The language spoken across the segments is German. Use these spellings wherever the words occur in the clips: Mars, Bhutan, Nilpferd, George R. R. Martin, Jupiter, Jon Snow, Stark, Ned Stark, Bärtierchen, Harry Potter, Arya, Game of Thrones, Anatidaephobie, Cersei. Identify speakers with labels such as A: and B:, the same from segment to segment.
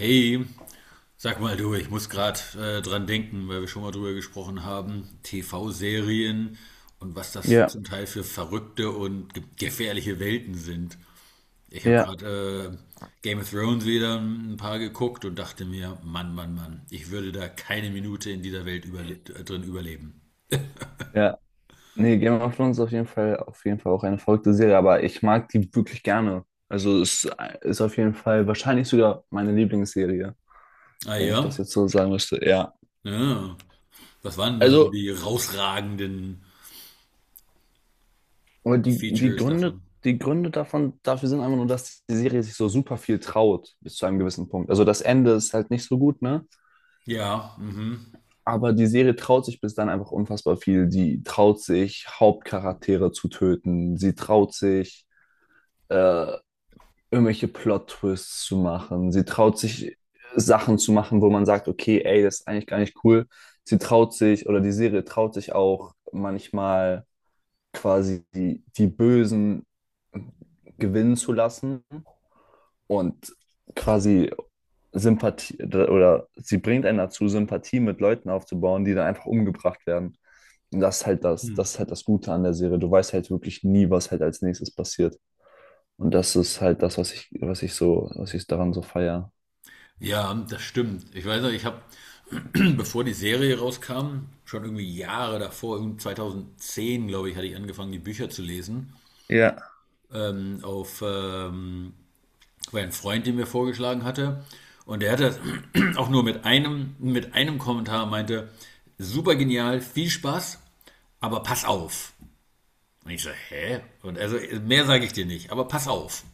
A: Hey, sag mal du, ich muss gerade dran denken, weil wir schon mal drüber gesprochen haben, TV-Serien und was das
B: Ja,
A: zum Teil für verrückte und ge gefährliche Welten sind. Ich habe
B: ja.
A: gerade Game of Thrones wieder ein paar geguckt und dachte mir, Mann, Mann, Mann, ich würde da keine Minute in dieser Welt überle drin überleben.
B: Ja, nee, Game of Thrones ist auf jeden Fall auch eine verrückte Serie, aber ich mag die wirklich gerne. Also es ist auf jeden Fall wahrscheinlich sogar meine Lieblingsserie,
A: Ah
B: wenn ich das
A: ja?
B: jetzt so sagen müsste. Ja.
A: Ja. Was waren da so
B: Also,
A: die rausragenden
B: aber die
A: Features
B: Gründe,
A: davon?
B: die Gründe davon, dafür sind einfach nur, dass die Serie sich so super viel traut, bis zu einem gewissen Punkt. Also das Ende ist halt nicht so gut, ne?
A: Ja, mhm.
B: Aber die Serie traut sich bis dann einfach unfassbar viel. Die traut sich, Hauptcharaktere zu töten. Sie traut sich, äh, irgendwelche Plot-Twists zu machen. Sie traut sich Sachen zu machen, wo man sagt, okay, ey, das ist eigentlich gar nicht cool. Sie traut sich oder die Serie traut sich auch manchmal quasi die Bösen gewinnen zu lassen und quasi Sympathie oder sie bringt einen dazu, Sympathie mit Leuten aufzubauen, die dann einfach umgebracht werden. Und das ist halt das ist halt das Gute an der Serie. Du weißt halt wirklich nie, was halt als nächstes passiert. Und das ist halt das, was ich so, was ich daran so feiere.
A: Ja, das stimmt. Ich weiß noch, ich habe bevor die Serie rauskam, schon irgendwie Jahre davor, irgendwie 2010, glaube ich, hatte ich angefangen, die Bücher zu lesen.
B: Ja,
A: Auf War ein Freund, den mir vorgeschlagen hatte. Und der hatte auch nur mit einem Kommentar meinte, super genial, viel Spaß, aber pass auf. Und ich so, hä? Und also, mehr sage ich dir nicht, aber pass auf.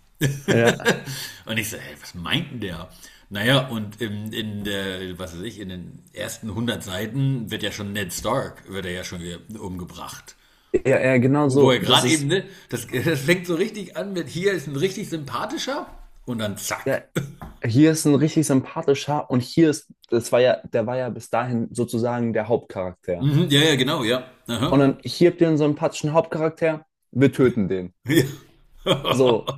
B: ja.
A: Und ich so, hä, was meint denn der? Naja, und in der, was weiß ich, in den ersten 100 Seiten wird ja schon Ned Stark, wird er ja schon umgebracht.
B: Ja, ja, genau
A: Wo
B: so.
A: er
B: Das
A: gerade eben,
B: ist,
A: ne, das, das fängt so richtig an mit, hier ist ein richtig sympathischer und dann zack.
B: ja, hier ist ein richtig sympathischer und hier ist, das war ja, der war ja bis dahin sozusagen der Hauptcharakter.
A: Mhm, ja, ja, genau, ja.
B: Und
A: Aha.
B: dann hier habt ihr einen sympathischen Hauptcharakter, wir töten den.
A: Ja.
B: So,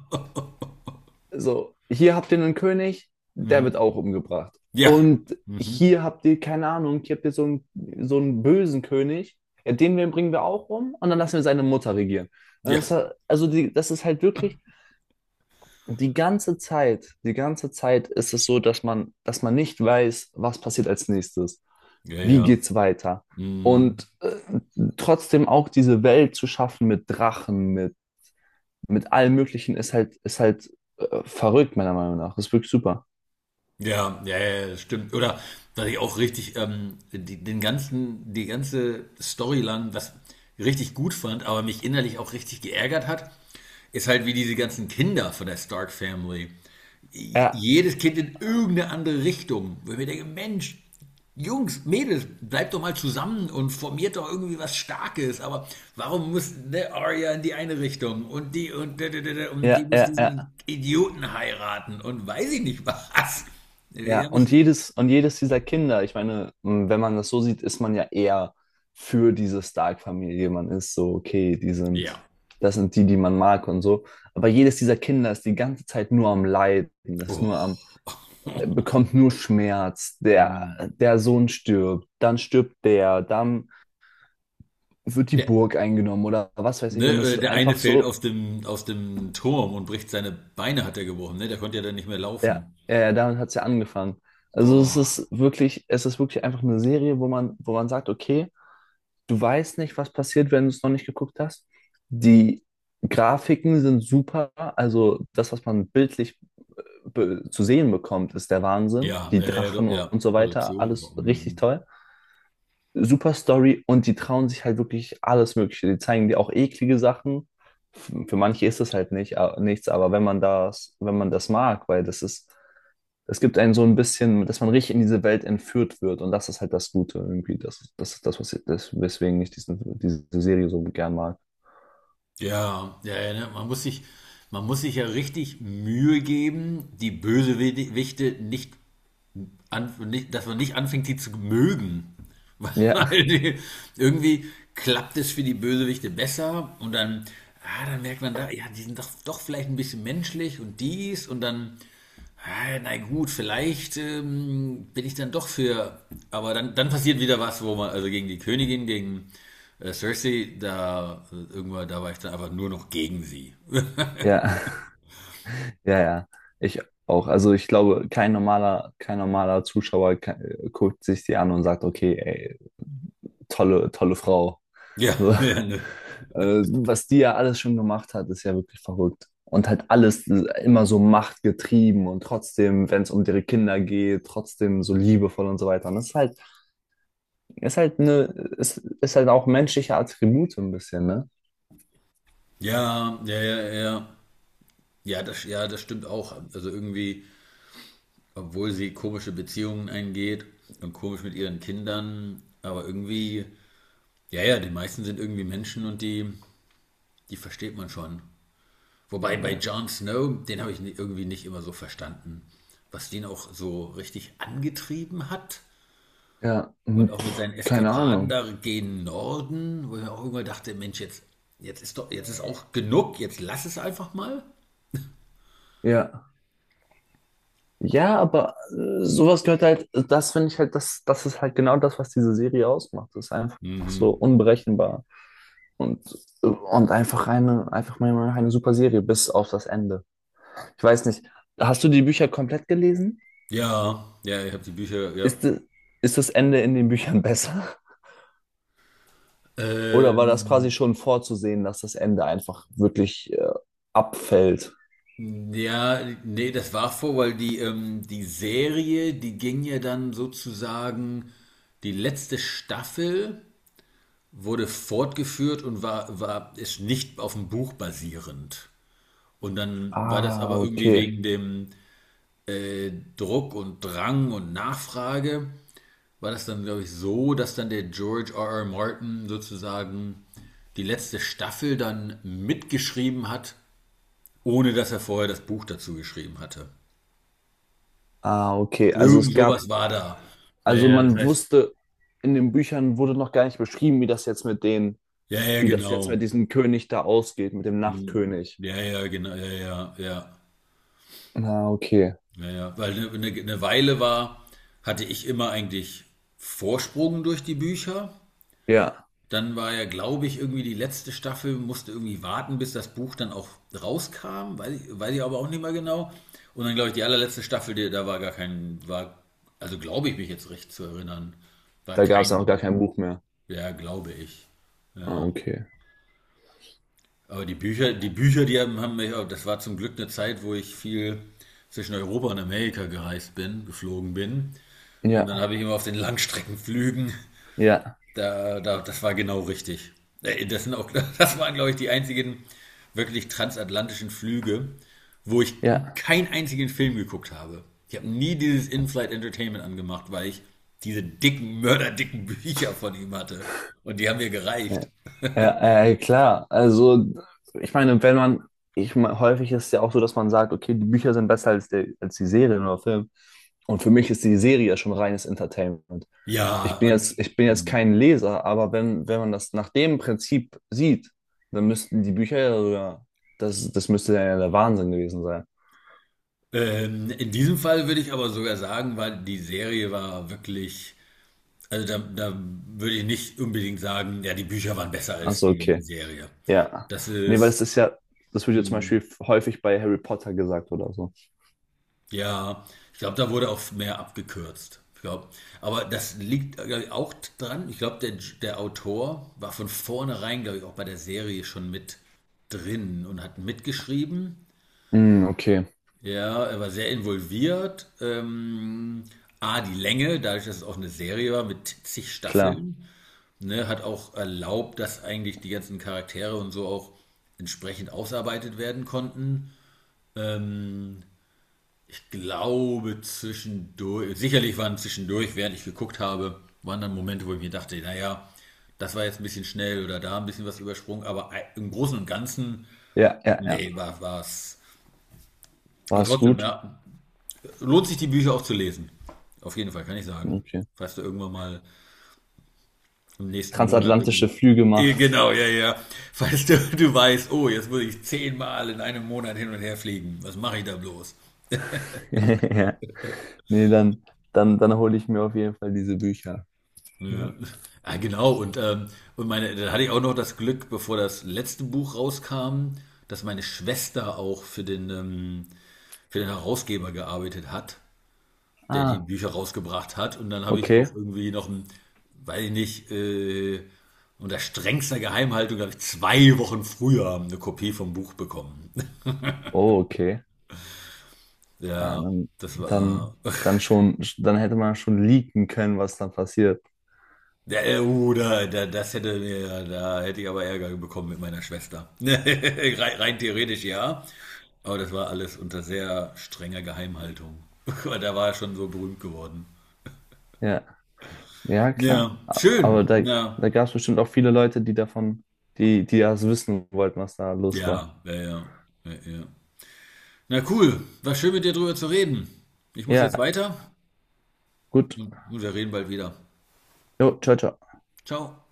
B: so, hier habt ihr einen König, der wird
A: Mhm.
B: auch umgebracht.
A: Ja.
B: Und
A: Mhm.
B: hier habt ihr, keine Ahnung, hier habt ihr so einen bösen König, ja, den bringen wir auch um und dann lassen wir seine Mutter regieren. Und
A: Ja.
B: das, also die, das ist halt wirklich die ganze Zeit ist es so, dass man nicht weiß, was passiert als nächstes,
A: Ja,
B: wie
A: ja.
B: geht's weiter.
A: Mhm.
B: Und trotzdem auch diese Welt zu schaffen mit Drachen, mit allem Möglichen ist halt verrückt, meiner Meinung nach. Das ist wirklich super.
A: Ja, ja, ja, das stimmt. Oder was ich auch richtig die ganze Storyline, was ich richtig gut fand, aber mich innerlich auch richtig geärgert hat, ist halt wie diese ganzen Kinder von der Stark Family
B: Ja,
A: jedes Kind in irgendeine andere Richtung. Wo ich mir denke, Mensch, Jungs, Mädels, bleibt doch mal zusammen und formiert doch irgendwie was Starkes. Aber warum muss der Arya in die eine Richtung und die und, und die
B: ja,
A: muss
B: ja, ja,
A: diesen Idioten heiraten und weiß ich nicht was. Da
B: ja.
A: hab ich,
B: Und jedes dieser Kinder, ich meine, wenn man das so sieht, ist man ja eher für diese Stark-Familie. Man ist so, okay, die
A: ja.
B: sind, das sind die, die man mag und so. Aber jedes dieser Kinder ist die ganze Zeit nur am Leiden, ist nur
A: Oh.
B: am, bekommt nur Schmerz. Der Sohn stirbt, dann stirbt der, dann wird die
A: Der,
B: Burg eingenommen oder was weiß ich.
A: ne,
B: Und es
A: äh,
B: ist
A: der eine
B: einfach
A: fällt
B: so,
A: aus dem, Turm und bricht seine Beine, hat er gebrochen. Ne? Der konnte ja dann nicht mehr
B: ja,
A: laufen.
B: ja, ja, damit hat es ja angefangen. Also
A: Boah.
B: es ist wirklich einfach eine Serie, wo man sagt, okay, du weißt nicht, was passiert, wenn du es noch nicht geguckt hast. Die Grafiken sind super, also das, was man bildlich zu sehen bekommt, ist der Wahnsinn.
A: Ja,
B: Die
A: ja, ja, ja,
B: Drachen
A: doch, ja,
B: und so weiter,
A: Produktion, und so,
B: alles richtig
A: mhm.
B: toll. Super Story und die trauen sich halt wirklich alles Mögliche. Die zeigen dir auch eklige Sachen. Für manche ist das halt nicht, nichts, aber wenn man das, wenn man das mag, weil das ist es gibt einen so ein bisschen, dass man richtig in diese Welt entführt wird. Und das ist halt das Gute irgendwie. Das, das ist das, das, weswegen ich diesen, diese Serie so gern mag.
A: Ja, ja, ja, ne, man muss sich ja richtig Mühe geben, die Bösewichte nicht nicht, dass man nicht anfängt, die zu mögen.
B: Ja,
A: Weil die, irgendwie klappt es für die Bösewichte besser und dann, ah, dann merkt man da, ja, die sind doch, doch vielleicht ein bisschen menschlich und dies und dann, ah, na gut, vielleicht bin ich dann doch für, aber dann passiert wieder was, wo man, also gegen die Königin, gegen Cersei, da irgendwann, da war ich dann einfach nur noch gegen sie.
B: ja, ja, ja. Ich auch. Also ich glaube, kein normaler, kein normaler Zuschauer guckt sich die an und sagt, okay, ey, tolle, tolle Frau.
A: Ja,
B: So.
A: ja, ne.
B: Was die ja alles schon gemacht hat, ist ja wirklich verrückt. Und halt alles immer so machtgetrieben und trotzdem, wenn es um ihre Kinder geht, trotzdem so liebevoll und so weiter. Und das ist halt eine, ist halt auch menschliche Attribute ein bisschen, ne?
A: Ja, ja, ja, ja, ja, das stimmt auch. Also irgendwie obwohl sie komische Beziehungen eingeht und komisch mit ihren Kindern, aber irgendwie, ja, ja, die meisten sind irgendwie Menschen und die, die versteht man schon. Wobei bei
B: Ja.
A: Jon Snow, den habe ich irgendwie nicht immer so verstanden, was den auch so richtig angetrieben hat
B: Ja,
A: und
B: hm,
A: auch mit
B: pff,
A: seinen
B: keine
A: Eskapaden
B: Ahnung.
A: da gegen Norden, wo ich mir auch irgendwann dachte, Mensch, jetzt ist auch genug, jetzt lass es einfach mal.
B: Ja. Ja, aber sowas gehört halt, das finde ich halt, das ist halt genau das, was diese Serie ausmacht. Das ist einfach so
A: Mhm.
B: unberechenbar. Und, und einfach eine, einfach mal eine super Serie bis auf das Ende. Ich weiß nicht, hast du die Bücher komplett gelesen?
A: Ja, ja, ich habe die Bücher, ja.
B: Ist, ist das Ende in den Büchern besser? Oder war das quasi
A: Ähm,
B: schon vorzusehen, dass das Ende einfach wirklich abfällt?
A: Ja, nee, das war vor, weil die, die Serie, die ging ja dann sozusagen, die letzte Staffel wurde fortgeführt und ist nicht auf dem Buch basierend. Und dann war das
B: Ah,
A: aber irgendwie
B: okay.
A: wegen dem Druck und Drang und Nachfrage, war das dann, glaube ich, so, dass dann der George R. R. Martin sozusagen die letzte Staffel dann mitgeschrieben hat, ohne dass er vorher das Buch dazu geschrieben hatte.
B: Ah, okay. Also es
A: Irgend
B: gab,
A: sowas war da. Ja,
B: also
A: ja, das
B: man
A: heißt,
B: wusste, in den Büchern wurde noch gar nicht beschrieben, wie das jetzt mit den,
A: ja, ja,
B: wie das jetzt mit
A: genau.
B: diesem König da ausgeht, mit dem
A: Hm.
B: Nachtkönig.
A: Ja, ja, genau, ja, ja, ja,
B: Ah, okay.
A: ja, ja. Weil eine Weile hatte ich immer eigentlich Vorsprung durch die Bücher.
B: Ja,
A: Dann war ja, glaube ich, irgendwie die letzte Staffel, musste irgendwie warten, bis das Buch dann auch rauskam, weiß ich aber auch nicht mehr genau. Und dann, glaube ich, die allerletzte Staffel, die, da war gar kein, also glaube ich mich jetzt recht zu erinnern, war
B: da gab es
A: kein
B: auch gar
A: Buch.
B: kein Buch mehr.
A: Ja, glaube ich.
B: Ah,
A: Ja.
B: okay.
A: Aber die Bücher, die haben mich, das war zum Glück eine Zeit, wo ich viel zwischen Europa und Amerika gereist bin, geflogen bin. Und dann
B: Ja,
A: habe ich immer auf den Langstreckenflügen,
B: ja,
A: das war genau richtig. Das sind auch, das waren, glaube ich, die einzigen wirklich transatlantischen Flüge, wo ich
B: ja.
A: keinen einzigen Film geguckt habe. Ich habe nie dieses In-Flight Entertainment angemacht, weil ich diese dicken, mörderdicken Bücher von ihm hatte. Und die haben mir
B: Ja,
A: gereicht.
B: ja, ja, klar. Also, ich meine, wenn man, ich meine, häufig ist es ja auch so, dass man sagt, okay, die Bücher sind besser als, der, als die Serien oder Film. Und für mich ist die Serie ja schon reines Entertainment.
A: Ja, und
B: Ich bin jetzt
A: hm.
B: kein Leser, aber wenn, wenn man das nach dem Prinzip sieht, dann müssten die Bücher ja sogar, das müsste ja der Wahnsinn gewesen sein.
A: In diesem Fall würde ich aber sogar sagen, weil die Serie war wirklich, also da würde ich nicht unbedingt sagen, ja, die Bücher waren besser
B: Ach
A: als
B: so,
A: die
B: okay.
A: Serie.
B: Ja.
A: Das
B: Nee, weil das
A: ist,
B: ist ja, das wird ja zum
A: mh,
B: Beispiel häufig bei Harry Potter gesagt oder so.
A: ja, ich glaube, da wurde auch mehr abgekürzt. Ich glaube, aber das liegt, glaub ich, auch dran. Ich glaube, der Autor war von vornherein, glaube ich, auch bei der Serie schon mit drin und hat mitgeschrieben.
B: Hm, okay,
A: Ja, er war sehr involviert. Die Länge, dadurch, dass es auch eine Serie war mit zig
B: klar.
A: Staffeln, ne, hat auch erlaubt, dass eigentlich die ganzen Charaktere und so auch entsprechend ausarbeitet werden konnten. Ähm, Ich glaube, zwischendurch, sicherlich waren zwischendurch, während ich geguckt habe, waren dann Momente, wo ich mir dachte, naja, das war jetzt ein bisschen schnell oder da ein bisschen was übersprungen, aber im Großen und Ganzen,
B: Ja, ja, ja.
A: nee, war es.
B: War
A: Aber
B: es
A: trotzdem,
B: gut?
A: ja, lohnt sich die Bücher auch zu lesen. Auf jeden Fall, kann ich sagen.
B: Okay.
A: Falls du irgendwann mal im nächsten Monat irgendwie.
B: Transatlantische Flüge macht.
A: Genau, ja, ja. Falls du, du weißt, oh, jetzt muss ich 10-mal in einem Monat hin und her fliegen. Was mache ich da bloß?
B: Ja. Nee, dann, dann hole ich mir auf jeden Fall diese Bücher.
A: Ja,
B: Ja.
A: ah, genau. Und meine, dann hatte ich auch noch das Glück, bevor das letzte Buch rauskam, dass meine Schwester auch für den Herausgeber gearbeitet hat, der die
B: Ah,
A: Bücher rausgebracht hat. Und dann habe ich
B: okay.
A: auch irgendwie noch ein, weiß ich nicht, unter strengster Geheimhaltung habe ich 2 Wochen früher eine Kopie vom Buch bekommen.
B: Oh, okay. Ah,
A: Ja,
B: dann,
A: das war.
B: dann schon, dann hätte man schon leaken können, was dann passiert.
A: Ja, da, das hätte mir, da hätte ich aber Ärger bekommen mit meiner Schwester. rein theoretisch ja. Aber das war alles unter sehr strenger Geheimhaltung. Aber da war er schon so berühmt geworden.
B: Ja, ja, klar.
A: Ja,
B: Aber
A: schön.
B: da,
A: Ja,
B: da gab es bestimmt auch viele Leute, die davon, die das wissen wollten, was da los war.
A: ja, ja, ja. Ja, ja. Na cool, war schön mit dir drüber zu reden. Ich muss jetzt
B: Ja,
A: weiter
B: gut.
A: und wir reden bald wieder.
B: Jo, ciao, ciao.
A: Ciao.